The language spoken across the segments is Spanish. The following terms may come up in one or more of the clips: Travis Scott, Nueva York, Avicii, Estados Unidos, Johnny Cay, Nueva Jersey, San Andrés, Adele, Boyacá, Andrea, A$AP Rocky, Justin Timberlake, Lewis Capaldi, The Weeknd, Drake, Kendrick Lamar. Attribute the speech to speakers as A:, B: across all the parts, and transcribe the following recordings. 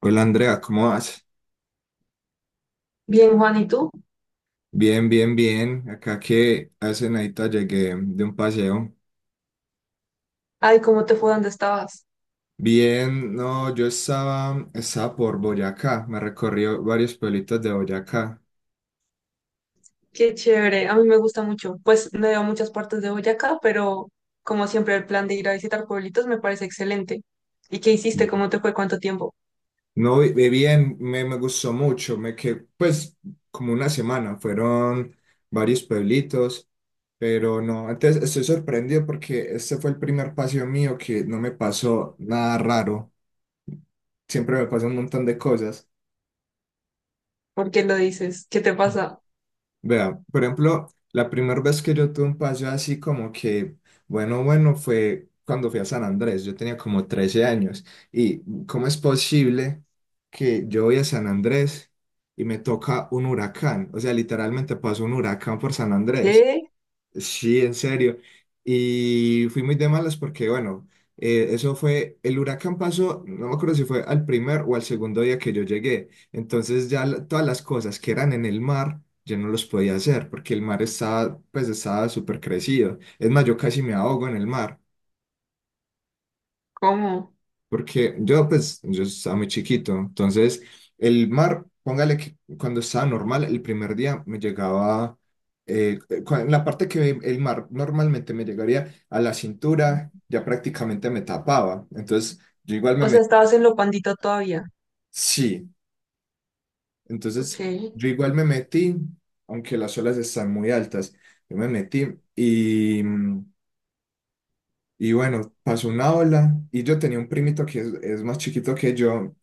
A: Hola Andrea, ¿cómo vas?
B: Bien, Juan, ¿y tú?
A: Bien, bien, bien. Acá que hace nadita llegué de un paseo.
B: Ay, ¿cómo te fue? ¿Dónde estabas?
A: Bien, no, yo estaba por Boyacá, me recorrí varios pueblitos de Boyacá.
B: Qué chévere, a mí me gusta mucho. Pues no he ido a muchas partes de Boyacá, pero como siempre el plan de ir a visitar pueblitos me parece excelente. ¿Y qué hiciste? ¿Cómo te fue? ¿Cuánto tiempo?
A: No, vi bien, me gustó mucho, me quedé pues como una semana, fueron varios pueblitos, pero no, antes estoy sorprendido porque este fue el primer paseo mío que no me pasó nada raro, siempre me pasan un montón de cosas.
B: ¿Por qué lo dices? ¿Qué te pasa?
A: Vea, por ejemplo, la primera vez que yo tuve un paseo así como que, bueno, bueno, fue cuando fui a San Andrés, yo tenía como 13 años. ¿Y cómo es posible que yo voy a San Andrés y me toca un huracán? O sea, literalmente pasó un huracán por San Andrés.
B: ¿Qué?
A: Sí, en serio. Y fui muy de malas porque, bueno, eso fue, el huracán pasó, no me acuerdo si fue al primer o al segundo día que yo llegué. Entonces ya todas las cosas que eran en el mar, yo no los podía hacer porque el mar estaba, pues estaba súper crecido. Es más, yo casi me ahogo en el mar.
B: ¿Cómo?
A: Porque yo, pues, yo estaba muy chiquito. Entonces, el mar, póngale que cuando estaba normal, el primer día me llegaba, eh, en la parte que el mar normalmente me llegaría a la cintura, ya prácticamente me tapaba. Entonces, yo igual me
B: O sea,
A: metí.
B: estabas en lo pandito todavía.
A: Sí,
B: Ok.
A: entonces, yo igual me metí, aunque las olas están muy altas, yo me metí y, y bueno, pasó una ola y yo tenía un primito que es más chiquito que yo.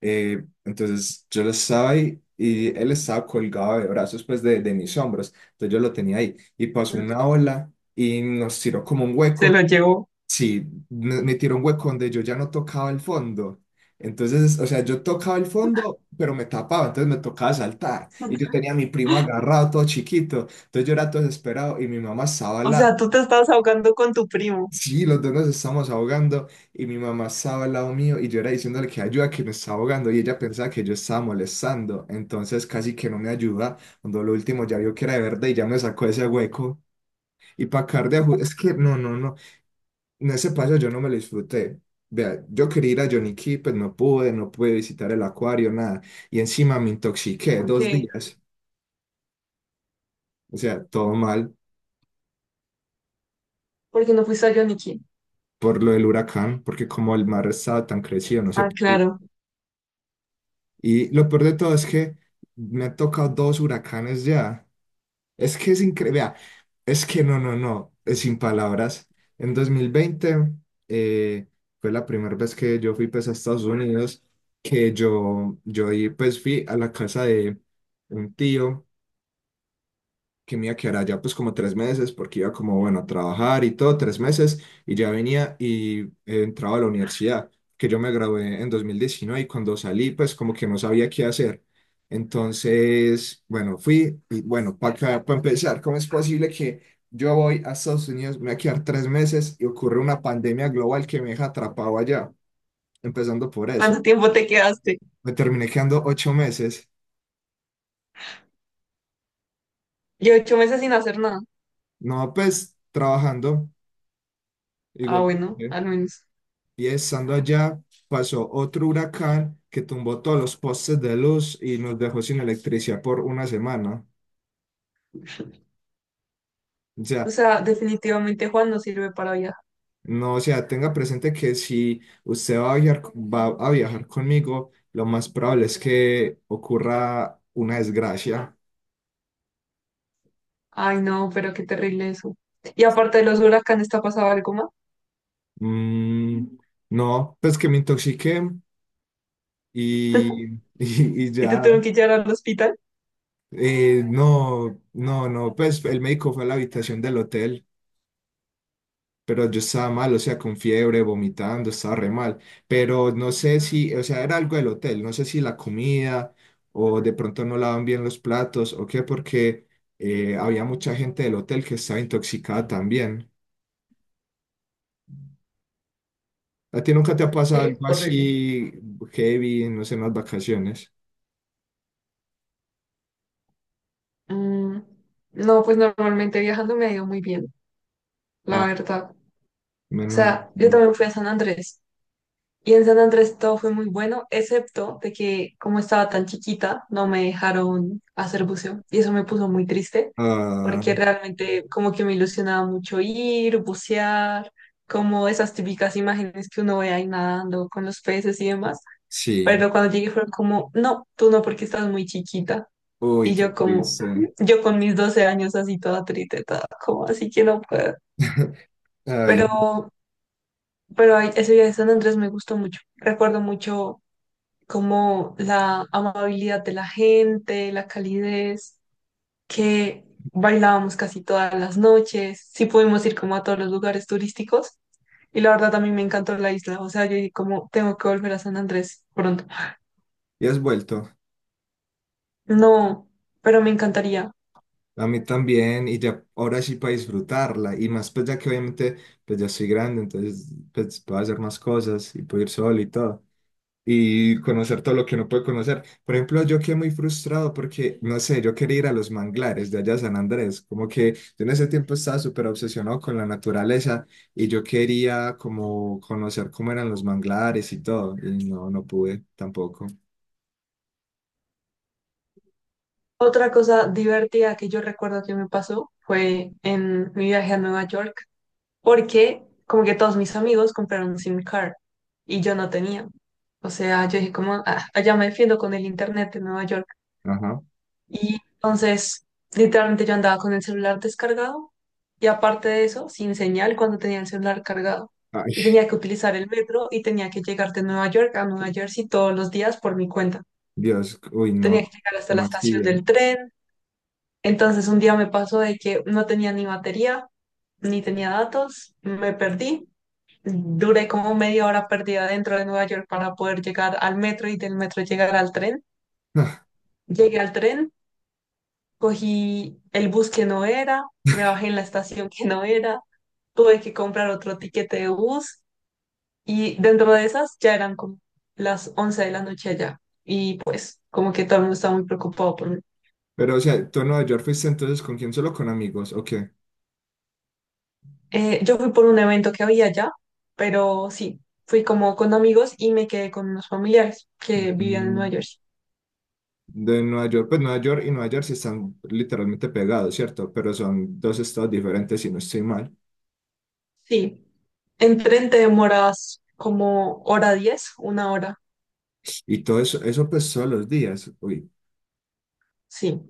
A: Entonces yo lo estaba ahí y él estaba colgado de brazos, pues de mis hombros. Entonces yo lo tenía ahí y pasó una ola y nos tiró como un
B: Se
A: hueco.
B: lo llevó.
A: Sí, me tiró un hueco donde yo ya no tocaba el fondo. Entonces, o sea, yo tocaba el fondo, pero me tapaba, entonces me tocaba saltar. Y yo tenía a mi primo agarrado, todo chiquito. Entonces yo era todo desesperado y mi mamá estaba al
B: O
A: lado.
B: sea, tú te estabas ahogando con tu primo.
A: Sí, los dos nos estamos ahogando y mi mamá estaba al lado mío y yo era diciéndole que ayuda, que me estaba ahogando y ella pensaba que yo estaba molestando, entonces casi que no me ayuda, cuando lo último ya vio que era de verdad y ya me sacó ese hueco y para acabar de es que no, no, no, en ese paso yo no me lo disfruté, vea, yo quería ir a Johnny Cay, pues no pude, no pude visitar el acuario, nada, y encima me intoxiqué dos
B: Ok.
A: días, o sea, todo mal
B: ¿Por qué no fuiste a Yoniki?
A: por lo del huracán, porque como el mar estaba tan crecido, no se
B: Ah,
A: podía.
B: claro.
A: Y lo peor de todo es que me han tocado dos huracanes ya. Es que es increíble. Es que no, no, no, es sin palabras. En 2020 eh, fue la primera vez que yo fui pues, a Estados Unidos, que yo ahí, pues, fui a la casa de un tío que me iba a quedar allá pues como 3 meses, porque iba como, bueno, a trabajar y todo, 3 meses, y ya venía y entraba a la universidad, que yo me gradué en 2019 y cuando salí pues como que no sabía qué hacer. Entonces, bueno, fui y bueno, para empezar, ¿cómo es posible que yo voy a Estados Unidos, me voy a quedar 3 meses y ocurre una pandemia global que me deja atrapado allá? Empezando por eso.
B: ¿Cuánto tiempo te quedaste?
A: Me terminé quedando 8 meses,
B: Yo 8 meses sin hacer nada.
A: no pues trabajando,
B: Ah,
A: igual.
B: bueno,
A: Trabajé.
B: al menos.
A: Y estando allá, pasó otro huracán que tumbó todos los postes de luz y nos dejó sin electricidad por una semana. O
B: O
A: sea,
B: sea, definitivamente Juan no sirve para viajar.
A: no, o sea, tenga presente que si usted va a viajar conmigo, lo más probable es que ocurra una desgracia.
B: Ay, no, pero qué terrible eso. Y aparte de los huracanes, ¿te ha pasado algo más?
A: Mm, no, pues que me intoxiqué y, y
B: ¿Y te
A: ya.
B: tuvieron que llevar al hospital?
A: No, no, no, pues el médico fue a la habitación del hotel. Pero yo estaba mal, o sea, con fiebre, vomitando, estaba re mal. Pero no sé si, o sea, era algo del hotel, no sé si la comida o de pronto no lavan bien los platos o qué, porque había mucha gente del hotel que estaba intoxicada también. ¿A ti nunca te ha pasado
B: Qué
A: algo
B: horrible.
A: así heavy, no sé, en las vacaciones?
B: Mm, no, pues normalmente viajando me ha ido muy bien,
A: No,
B: la verdad. O
A: menos
B: sea, yo
A: mal.
B: también fui a San Andrés. Y en San Andrés todo fue muy bueno, excepto de que como estaba tan chiquita, no me dejaron hacer buceo. Y eso me puso muy triste,
A: Ah,
B: porque realmente como que me ilusionaba mucho ir, bucear, como esas típicas imágenes que uno ve ahí nadando con los peces y demás.
A: sí.
B: Pero cuando llegué fueron como, no, tú no, porque estás muy chiquita.
A: Uy,
B: Y
A: qué
B: yo como,
A: triste.
B: yo con mis 12 años así toda triste, toda como así que no puedo.
A: Ay,
B: Pero,
A: no.
B: ese día de San Andrés me gustó mucho. Recuerdo mucho como la amabilidad de la gente, la calidez, que bailábamos casi todas las noches, sí pudimos ir como a todos los lugares turísticos y la verdad a mí me encantó la isla, o sea, yo dije como tengo que volver a San Andrés pronto.
A: ¿Y has vuelto?
B: No, pero me encantaría.
A: A mí también, y ya ahora sí para disfrutarla, y más pues ya que obviamente pues ya soy grande, entonces pues puedo hacer más cosas y puedo ir solo y todo, y conocer todo lo que no puede conocer. Por ejemplo, yo quedé muy frustrado porque, no sé, yo quería ir a los manglares de allá a San Andrés, como que yo en ese tiempo estaba súper obsesionado con la naturaleza y yo quería como conocer cómo eran los manglares y todo, y no, no pude tampoco.
B: Otra cosa divertida que yo recuerdo que me pasó fue en mi viaje a Nueva York, porque como que todos mis amigos compraron un SIM card y yo no tenía. O sea, yo dije como, "Ah, allá me defiendo con el internet de Nueva York."
A: Ajá.
B: Y entonces, literalmente yo andaba con el celular descargado y aparte de eso, sin señal cuando tenía el celular cargado.
A: Ay,
B: Y tenía que utilizar el metro y tenía que llegar de Nueva York a Nueva Jersey todos los días por mi cuenta.
A: Dios, uy, no,
B: Tenía que llegar hasta la
A: ¿cómo así?
B: estación
A: ¿Dios?
B: del tren. Entonces un día me pasó de que no tenía ni batería, ni tenía datos, me perdí. Duré como media hora perdida dentro de Nueva York para poder llegar al metro y del metro llegar al tren. Llegué al tren, cogí el bus que no era, me bajé en la estación que no era, tuve que comprar otro tiquete de bus y dentro de esas ya eran como las 11 de la noche allá y pues como que todo el mundo estaba muy preocupado por mí.
A: Pero, o sea, ¿tú en Nueva York fuiste entonces con quién? ¿Solo con amigos? ¿O qué?
B: Yo fui por un evento que había allá, pero sí, fui como con amigos y me quedé con unos familiares que vivían en Nueva
A: Mm,
B: Jersey.
A: De Nueva York, pues Nueva York y Nueva Jersey están literalmente pegados, ¿cierto? Pero son dos estados diferentes, si no estoy mal.
B: Sí, en tren te demoras como 1:10, 1 hora,
A: Y todo eso, eso pues todos los días. Uy,
B: sí.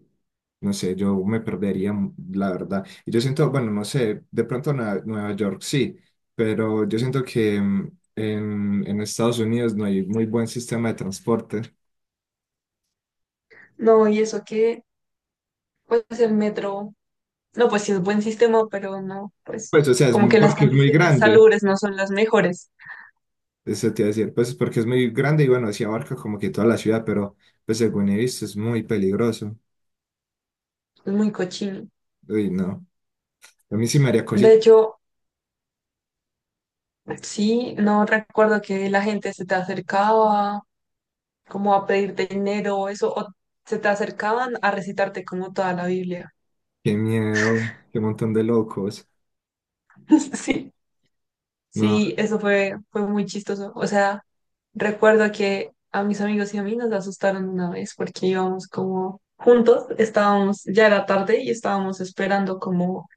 A: no sé, yo me perdería, la verdad. Y yo siento, bueno, no sé, de pronto Nueva York sí, pero yo siento que en Estados Unidos no hay muy buen sistema de transporte.
B: No, y eso que, pues el metro. No, pues sí es buen sistema, pero no, pues
A: Pues, o sea,
B: como que las
A: porque es muy
B: condiciones
A: grande.
B: salubres no son las mejores.
A: Eso te iba a decir, pues porque es muy grande y bueno, sí abarca como que toda la ciudad, pero pues según he visto es muy peligroso.
B: Es muy cochino.
A: Uy, no. A mí sí me haría
B: De
A: cosita.
B: hecho, sí, no recuerdo que la gente se te acercaba como a pedirte dinero o eso, o se te acercaban a recitarte como toda la Biblia.
A: Qué miedo, qué montón de locos.
B: Sí,
A: No,
B: sí, eso fue, fue muy chistoso. O sea, recuerdo que a mis amigos y a mí nos asustaron una vez porque íbamos como juntos, estábamos, ya era tarde y estábamos esperando como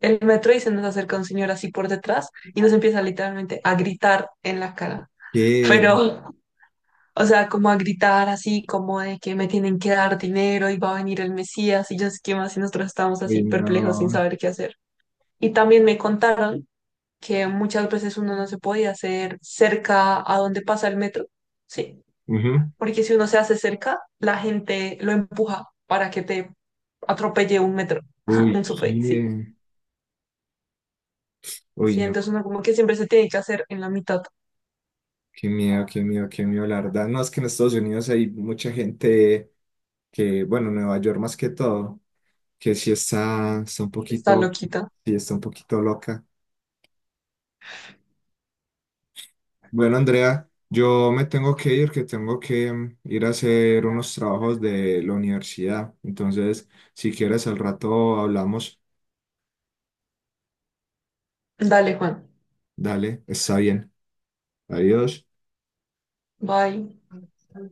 B: el metro y se nos acerca un señor así por detrás y nos empieza literalmente a gritar en la cara.
A: qué.
B: Pero, o sea, como a gritar así, como de que me tienen que dar dinero y va a venir el Mesías y yo sé qué más y nosotros estábamos
A: Uy,
B: así perplejos sin
A: no.
B: saber qué hacer. Y también me contaron que muchas veces uno no se podía hacer cerca a donde pasa el metro, ¿sí?
A: Ujú.
B: Porque si uno se hace cerca, la gente lo empuja para que te atropelle un metro,
A: Uy,
B: un subway, sí.
A: qué. Uy,
B: Sí,
A: no.
B: entonces uno como que siempre se tiene que hacer en la mitad.
A: Qué miedo, qué miedo, qué miedo, la verdad. No, es que en Estados Unidos hay mucha gente que, bueno, Nueva York más que todo, que sí está un
B: Está
A: poquito,
B: loquita.
A: sí está un poquito loca. Bueno, Andrea, yo me tengo que ir, que tengo que ir a hacer unos trabajos de la universidad. Entonces, si quieres, al rato hablamos.
B: Dale, Juan.
A: Dale, está bien. Adiós.
B: Bye.